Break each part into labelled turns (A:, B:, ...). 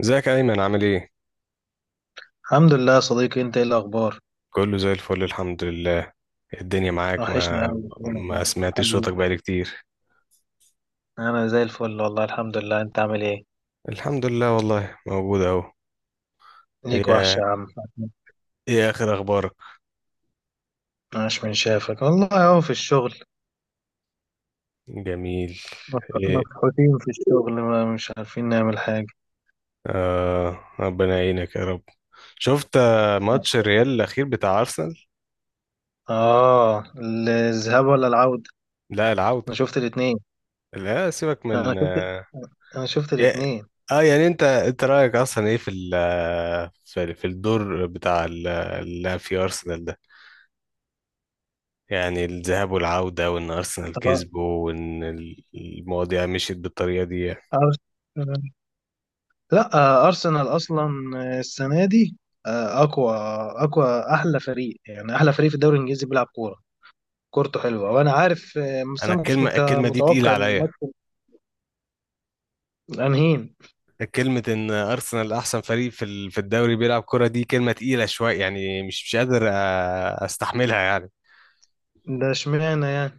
A: ازيك يا ايمن؟ عامل ايه؟
B: الحمد لله يا صديقي، انت ايه الاخبار؟
A: كله زي الفل، الحمد لله. الدنيا معاك.
B: وحشني
A: ما
B: قوي منك
A: ما
B: يعني
A: سمعتش
B: حبيبي.
A: صوتك بقالي كتير.
B: انا زي الفل والله الحمد لله، انت عامل ايه؟
A: الحمد لله والله، موجود اهو.
B: ليك وحشه
A: ايه؟
B: يا عم.
A: ايه اخر اخبارك؟
B: عاش من شافك والله، اهو في الشغل.
A: جميل. ايه؟
B: مفحوطين في الشغل، ما مش عارفين نعمل حاجه.
A: آه، ربنا يعينك يا رب. شفت ماتش الريال الاخير بتاع ارسنال؟
B: اه، الذهاب ولا العوده؟
A: لا، العودة.
B: انا شفت الاتنين.
A: لا سيبك
B: انا
A: من
B: شفت انا شفت
A: يا-
B: الاتنين.
A: يعني انت رايك اصلا ايه في في الدور بتاع اللي في ارسنال ده؟ يعني الذهاب والعودة وإن أرسنال
B: أر-
A: كسبه وإن المواضيع مشيت بالطريقة دي يعني.
B: أرس... لا، ارسنال اصلا، السنه دي، آه، اقوى اقوى، احلى فريق يعني احلى فريق في الدوري الانجليزي بيلعب كوره. كورته حلوه وانا عارف، بس
A: أنا
B: انا ما كنتش
A: الكلمة الكلمة دي تقيلة
B: متوقع ان
A: عليا.
B: الماتش الانهين.
A: كلمة إن أرسنال أحسن فريق في في الدوري بيلعب كرة دي كلمة تقيلة شوية. يعني مش قادر أستحملها يعني.
B: ده اشمعنى يعني؟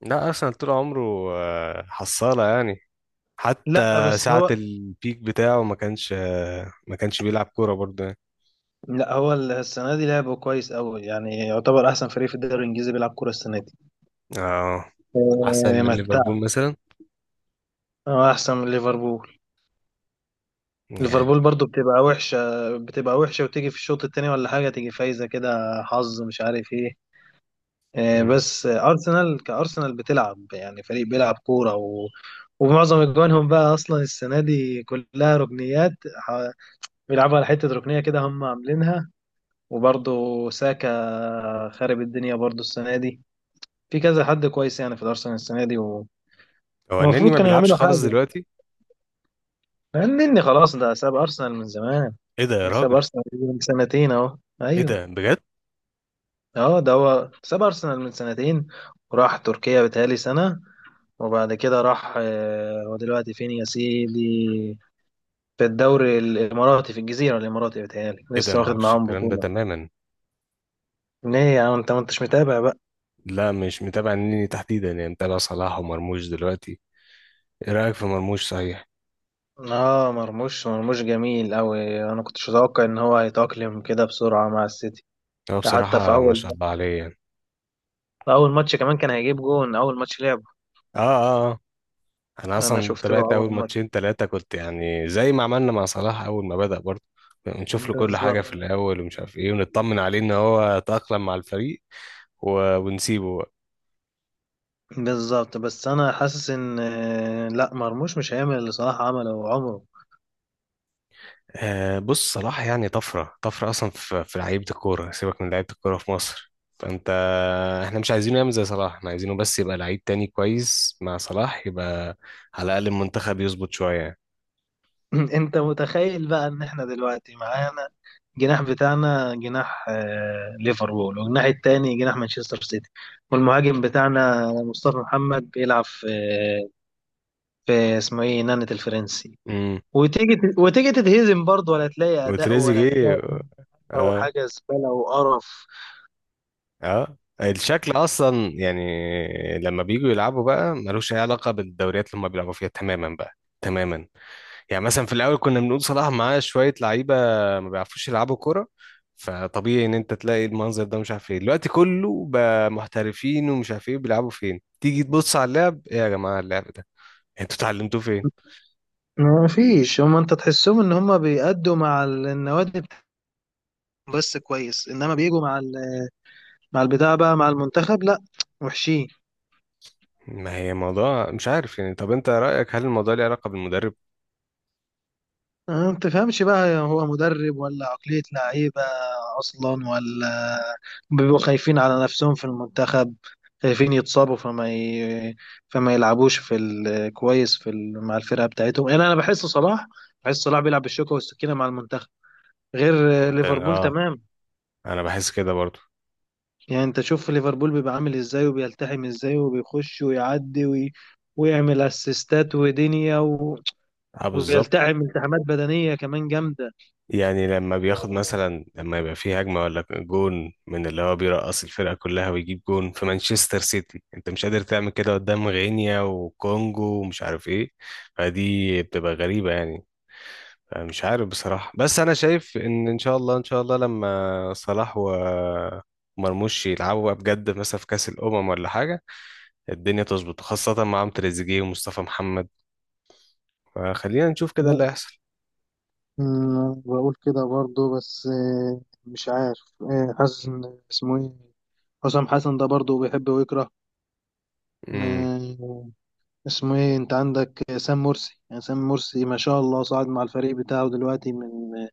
A: لا، أرسنال طول عمره حصالة يعني. حتى
B: لا بس
A: ساعة
B: هو.
A: البيك بتاعه ما كانش بيلعب كورة برضه يعني.
B: لا، هو السنه دي لعبه كويس قوي، يعني يعتبر احسن فريق في الدوري الانجليزي بيلعب كوره السنه دي.
A: اه، أحسن
B: آه،
A: من
B: متع
A: ليفربول مثلا
B: احسن من ليفربول.
A: يعني.
B: ليفربول برضو بتبقى وحشه وتيجي في الشوط التاني ولا حاجه تيجي فايزه كده، حظ مش عارف ايه.
A: مم.
B: بس ارسنال كارسنال بتلعب يعني فريق بيلعب كوره ومعظم اجوانهم بقى اصلا السنه دي كلها ركنيات. بيلعبوا على حتة ركنية كده هم عاملينها. وبرضه، ساكا خارب الدنيا برضه السنة دي. في كذا حد كويس يعني في الأرسنال السنة دي
A: هو النني
B: ومفروض
A: ما
B: كانوا
A: بيلعبش
B: يعملوا
A: خالص
B: حاجة.
A: دلوقتي.
B: فاهمني؟ خلاص، ده ساب أرسنال من زمان.
A: إيه ده يا
B: ده ساب
A: راجل؟
B: أرسنال من سنتين أهو،
A: ايه
B: أيوه.
A: ده بجد؟
B: أه، ده هو ساب أرسنال من سنتين وراح تركيا بتهيألي سنة. وبعد كده راح، هو دلوقتي فين يا سيدي؟ في الدوري الإماراتي، في الجزيرة الإماراتي بتهيألي
A: ايه ده؟
B: لسه
A: ما
B: واخد
A: اعرفش
B: معاهم
A: الكلام ده
B: بطولة.
A: تماما.
B: ليه يا عم، أنت ما أنتش متابع؟
A: لا، مش متابع النني تحديدا، يعني متابع صلاح ومرموش دلوقتي. ايه رايك في مرموش صحيح؟
B: اه، مرموش جميل قوي، انا كنتش اتوقع ان هو هيتأقلم كده بسرعة مع السيتي.
A: هو
B: ده حتى
A: بصراحه ما شاء الله عليه يعني.
B: في اول ماتش كمان كان هيجيب جون اول ماتش لعبه.
A: اه اه آه. انا
B: انا
A: اصلا
B: شفت له
A: تابعت اول
B: اول ماتش.
A: ماتشين ثلاثه، كنت يعني زي ما عملنا مع صلاح اول ما بدأ برضه نشوف له كل حاجه
B: بالظبط.
A: في الاول، ومش عارف ايه، ونطمن عليه ان هو تأقلم مع الفريق ونسيبه.
B: بالظبط، بس انا حاسس ان لا، مرموش مش هيعمل اللي صلاح عمله عمره.
A: بص، صلاح يعني طفرة طفرة أصلا في لعيبة الكورة، سيبك من لعيبة الكورة في مصر. فأنت إحنا مش عايزينه يعمل زي صلاح، إحنا عايزينه بس يبقى لعيب تاني كويس مع صلاح يبقى على الأقل المنتخب يظبط شوية.
B: انت متخيل بقى ان احنا دلوقتي معانا جناح بتاعنا، جناح ليفربول، والجناح التاني جناح مانشستر سيتي. والمهاجم بتاعنا مصطفى محمد بيلعب في في اسمه ايه، نانت الفرنسي.
A: امم
B: وتيجي تتهزم برضه، ولا تلاقي اداء ولا تلاقي
A: وتريزيجيه.
B: او
A: اه
B: حاجه زباله وقرف.
A: اه. الشكل أصلا يعني لما بييجوا يلعبوا بقى ملوش أي علاقة بالدوريات اللي هما بيلعبوا فيها تماما بقى. تماما. يعني مثلا في الاول كنا بنقول صلاح معاه شويه لعيبه ما بيعرفوش يلعبوا كوره، فطبيعي ان انت تلاقي المنظر ده. مش عارف ايه، دلوقتي كله بقى محترفين ومش عارف ايه بيلعبوا فين. تيجي تبص على اللعب، ايه يا جماعه اللعب ده؟ انتوا اتعلمتوه فين؟
B: ما فيش، هم انت تحسهم ان هم بيأدوا مع النوادي بتاعتهم بس كويس، انما بيجوا مع مع البتاع بقى مع المنتخب، لا، وحشين.
A: ما هي موضوع مش عارف يعني. طب انت رايك هل الموضوع ليه علاقه بالمدرب؟
B: ما تفهمش بقى، هو مدرب ولا عقلية لعيبة أصلا، ولا بيبقوا خايفين على نفسهم في المنتخب. خايفين يتصابوا فما يلعبوش كويس مع الفرقة بتاعتهم، يعني أنا بحس صلاح بيلعب بالشوكة والسكينة مع المنتخب. غير
A: عامه،
B: ليفربول
A: اه.
B: تمام.
A: انا بحس كده برضو.
B: يعني أنت شوف ليفربول بيبقى عامل إزاي وبيلتحم إزاي وبيخش ويعدي ويعمل أسيستات ودنيا
A: اه، بالظبط.
B: وبيلتحم التحامات بدنية كمان جامدة.
A: يعني لما بياخد مثلا، لما يبقى فيه هجمة ولا جون من اللي هو بيرقص الفرقة كلها ويجيب جون في مانشستر سيتي، انت مش قادر تعمل كده قدام غينيا وكونجو ومش عارف ايه. فدي بتبقى غريبة يعني. مش عارف بصراحة، بس انا شايف ان ان شاء الله ان شاء الله لما صلاح ومرموش يلعبوا بقى بجد مثلا في كأس الأمم ولا حاجة، الدنيا تظبط خاصة معاهم تريزيجيه ومصطفى محمد. فخلينا نشوف كده اللي هيحصل.
B: بقول كده برضه بس، مش عارف، حاسس ان اسمه ايه، حسام حسن ده برضه بيحب ويكره. ما- اسمه ايه، انت عندك سام مرسي، يعني سام مرسي ما شاء الله صعد مع الفريق بتاعه دلوقتي من،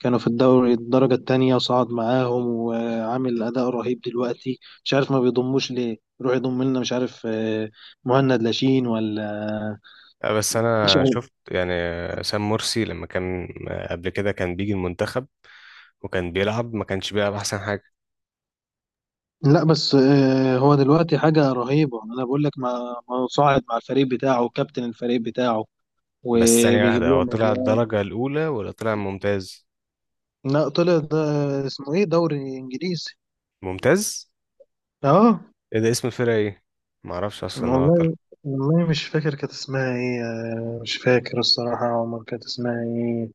B: كانوا في الدوري الدرجة التانية وصعد معاهم وعامل أداء رهيب. دلوقتي مش عارف ما بيضموش ليه، يروح يضم لنا مش عارف، مهند لاشين ولا، آه،
A: بس
B: مش
A: انا
B: عارف.
A: شفت يعني سام مرسي لما كان قبل كده كان بيجي المنتخب، وكان بيلعب، ما كانش بيلعب احسن حاجه.
B: لا بس، هو دلوقتي حاجة رهيبة أنا بقول لك، ما صاعد مع الفريق بتاعه وكابتن الفريق بتاعه
A: بس ثانيه
B: وبيجيب
A: واحده، هو
B: لهم
A: طلع
B: أجوان.
A: الدرجه الاولى ولا طلع ممتاز؟
B: لا طلع ده، اسمه إيه، دوري إنجليزي.
A: ممتاز؟
B: أه.
A: ايه ده؟ اسم الفرقه ايه؟ ما اعرفش اصلا ان هو طلع.
B: والله والله مش فاكر كانت اسمها إيه، مش فاكر الصراحة عمر كانت اسمها إيه.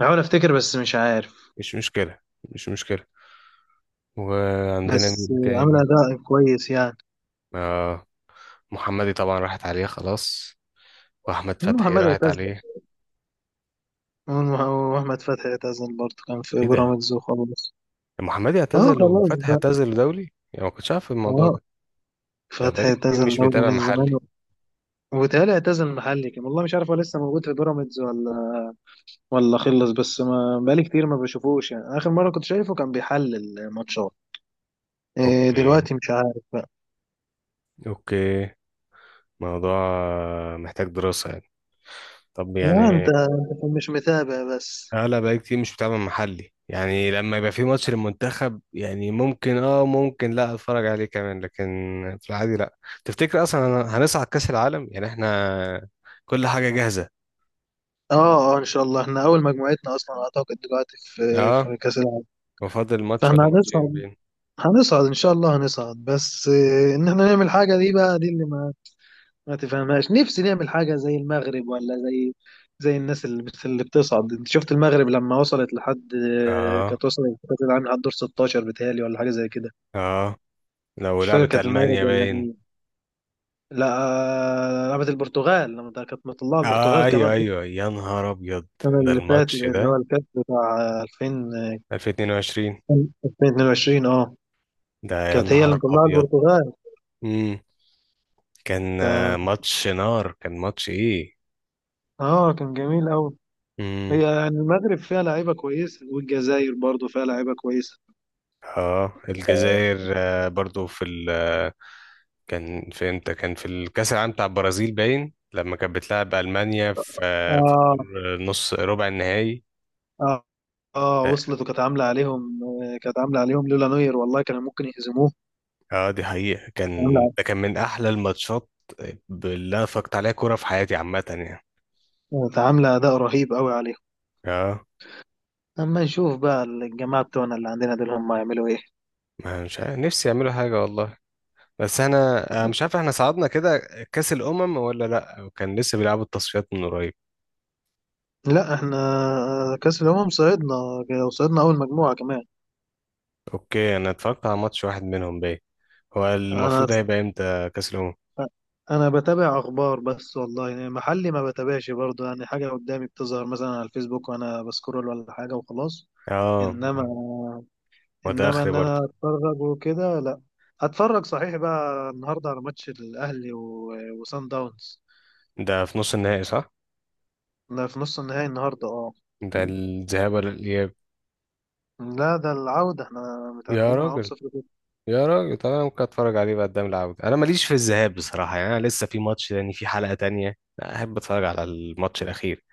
B: بحاول أفتكر بس مش عارف.
A: مش مشكله، مش مشكله. وعندنا
B: بس
A: مين
B: عاملة
A: تاني؟
B: أداء كويس يعني.
A: آه محمدي طبعا راحت عليه خلاص، واحمد فتحي
B: محمد
A: راحت
B: اعتزل.
A: عليه.
B: وأحمد فتحي اعتزل برضه، كان في
A: ايه ده؟
B: بيراميدز وخلاص.
A: محمدي
B: أه،
A: اعتزل
B: خلاص
A: وفتحي
B: بقى.
A: اعتزل دولي؟ يعني ما كنتش عارف الموضوع
B: أه.
A: ده، ده
B: فتحي
A: بقالي كتير
B: اعتزل
A: مش
B: دوري
A: متابع
B: من زمان.
A: محلي.
B: وبيتهيألي اعتزل المحلي كان، والله مش عارف هو لسه موجود في بيراميدز ولا، ولا خلص، بس ما بقالي كتير ما بشوفوش، يعني اخر مره كنت شايفه كان بيحلل ماتشات. إيه
A: اوكي،
B: دلوقتي مش عارف بقى.
A: اوكي. موضوع محتاج دراسة يعني. طب
B: لا
A: يعني
B: أنت مش متابع بس.
A: انا بقى كتير مش بتابع محلي، يعني لما يبقى في ماتش للمنتخب يعني ممكن اه، ممكن لا اتفرج عليه كمان. لكن في العادي، لا. تفتكر اصلا هنصعد كأس العالم؟ يعني احنا كل حاجة جاهزة.
B: اه، اه، ان شاء الله احنا اول مجموعتنا اصلا اعتقد دلوقتي
A: اه،
B: في كاس العالم.
A: وفاضل ماتش
B: فاحنا
A: ولا ماتشين
B: هنصعد.
A: باين.
B: هنصعد ان شاء الله هنصعد، بس إيه ان احنا نعمل حاجه، دي بقى دي اللي ما ما تفهمهاش، نفسي نعمل حاجة زي المغرب، ولا زي الناس اللي اللي بتصعد. انت شفت المغرب لما وصلت لحد،
A: اه
B: كانت وصلت لكأس العالم لحد دور 16 بتهيألي، ولا حاجة زي كده.
A: اه، لو
B: مش فاكر
A: لعبت
B: كانت المغرب
A: ألمانيا
B: ولا
A: باين.
B: مين؟ لا، لعبت البرتغال، لما ده كانت مطلعة
A: اه،
B: البرتغال كمان
A: ايوه ايوه، يا نهار ابيض.
B: السنة
A: ده
B: اللي فاتت،
A: الماتش
B: اللي هو
A: ده
B: الكاس بتاع 2000،
A: 2022.
B: 2022، اه،
A: ده يا
B: كانت هي اللي
A: نهار
B: مطلعة
A: ابيض.
B: البرتغال.
A: امم كان
B: ف
A: ماتش نار، كان ماتش ايه.
B: اه، كان جميل قوي. هي
A: امم
B: يعني المغرب فيها لعيبة كويسة والجزائر برضو فيها لعيبة كويسة.
A: اه، الجزائر برضو في ال كان في امتى؟ كان في الكاس العالم بتاع البرازيل باين، لما كانت بتلعب المانيا في في
B: آه،
A: الدور نص ربع النهائي.
B: اه، اه،
A: اه
B: وصلت وكانت عامله عليهم آه، كانت عامله عليهم لولا نوير والله كانوا ممكن يهزموه.
A: دي حقيقة.
B: كانت
A: كان
B: عامله
A: ده كان من احلى الماتشات اللي انا اتفرجت عليها كورة في حياتي عامة يعني.
B: كانت عامله اداء رهيب قوي عليهم.
A: اه.
B: اما نشوف بقى الجماعه بتوعنا اللي عندنا دول هم هيعملوا ايه.
A: ما مش عارف، نفسي يعملوا حاجة والله. بس انا مش عارف، احنا صعدنا كده كأس الأمم ولا لا؟ كان لسه بيلعبوا التصفيات من قريب.
B: لا احنا، كاس الامم صعدنا، وصعدنا اول مجموعه كمان.
A: اوكي. انا اتفرجت على ماتش واحد منهم باين. هو
B: انا
A: المفروض هيبقى امتى كاس الامم؟
B: انا بتابع اخبار بس والله، يعني محلي ما بتابعش برضه، يعني حاجه قدامي بتظهر مثلا على الفيسبوك وانا بسكرول ولا حاجه وخلاص.
A: اه.
B: انما
A: ما ده
B: انما
A: اخري
B: انا
A: برضه.
B: اتفرج وكده، لا. هتفرج صحيح بقى النهارده على ماتش الاهلي وصن داونز.
A: ده في نص النهائي صح؟
B: ده في نص النهائي النهارده، اه.
A: ده الذهاب ولا الاياب؟
B: لا ده العودة، احنا
A: يا
B: متعادلين معاهم
A: راجل.
B: 0-0.
A: يا راجل، طب انا ممكن اتفرج عليه بقى قدام العودة. انا ماليش في الذهاب بصراحة يعني. انا لسه في ماتش تاني في حلقة تانية. لا، احب اتفرج على الماتش الاخير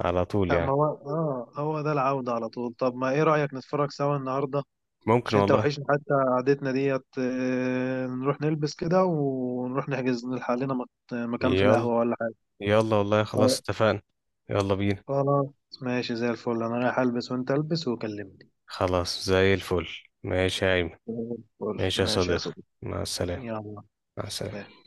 A: على طول
B: لا ما
A: يعني.
B: هو، اه، هو ده العودة على طول. طب ما ايه رأيك نتفرج سوا النهاردة؟
A: ممكن
B: عشان انت
A: والله.
B: وحشني حتى قعدتنا ديت، نروح نلبس كده ونروح نحجز نلحق لنا مكان في
A: يلا
B: القهوة ولا حاجة.
A: يلا والله، خلاص
B: آه،
A: اتفقنا. يلا بينا.
B: خلاص. ماشي، زي الفل، انا رايح البس وانت البس وكلمني.
A: خلاص زي الفل. ماشي يا ايمن.
B: زي الفل،
A: ماشي يا
B: ماشي يا
A: صديقي.
B: صديقي.
A: مع السلامة.
B: يلا.
A: مع السلامة.
B: سلام.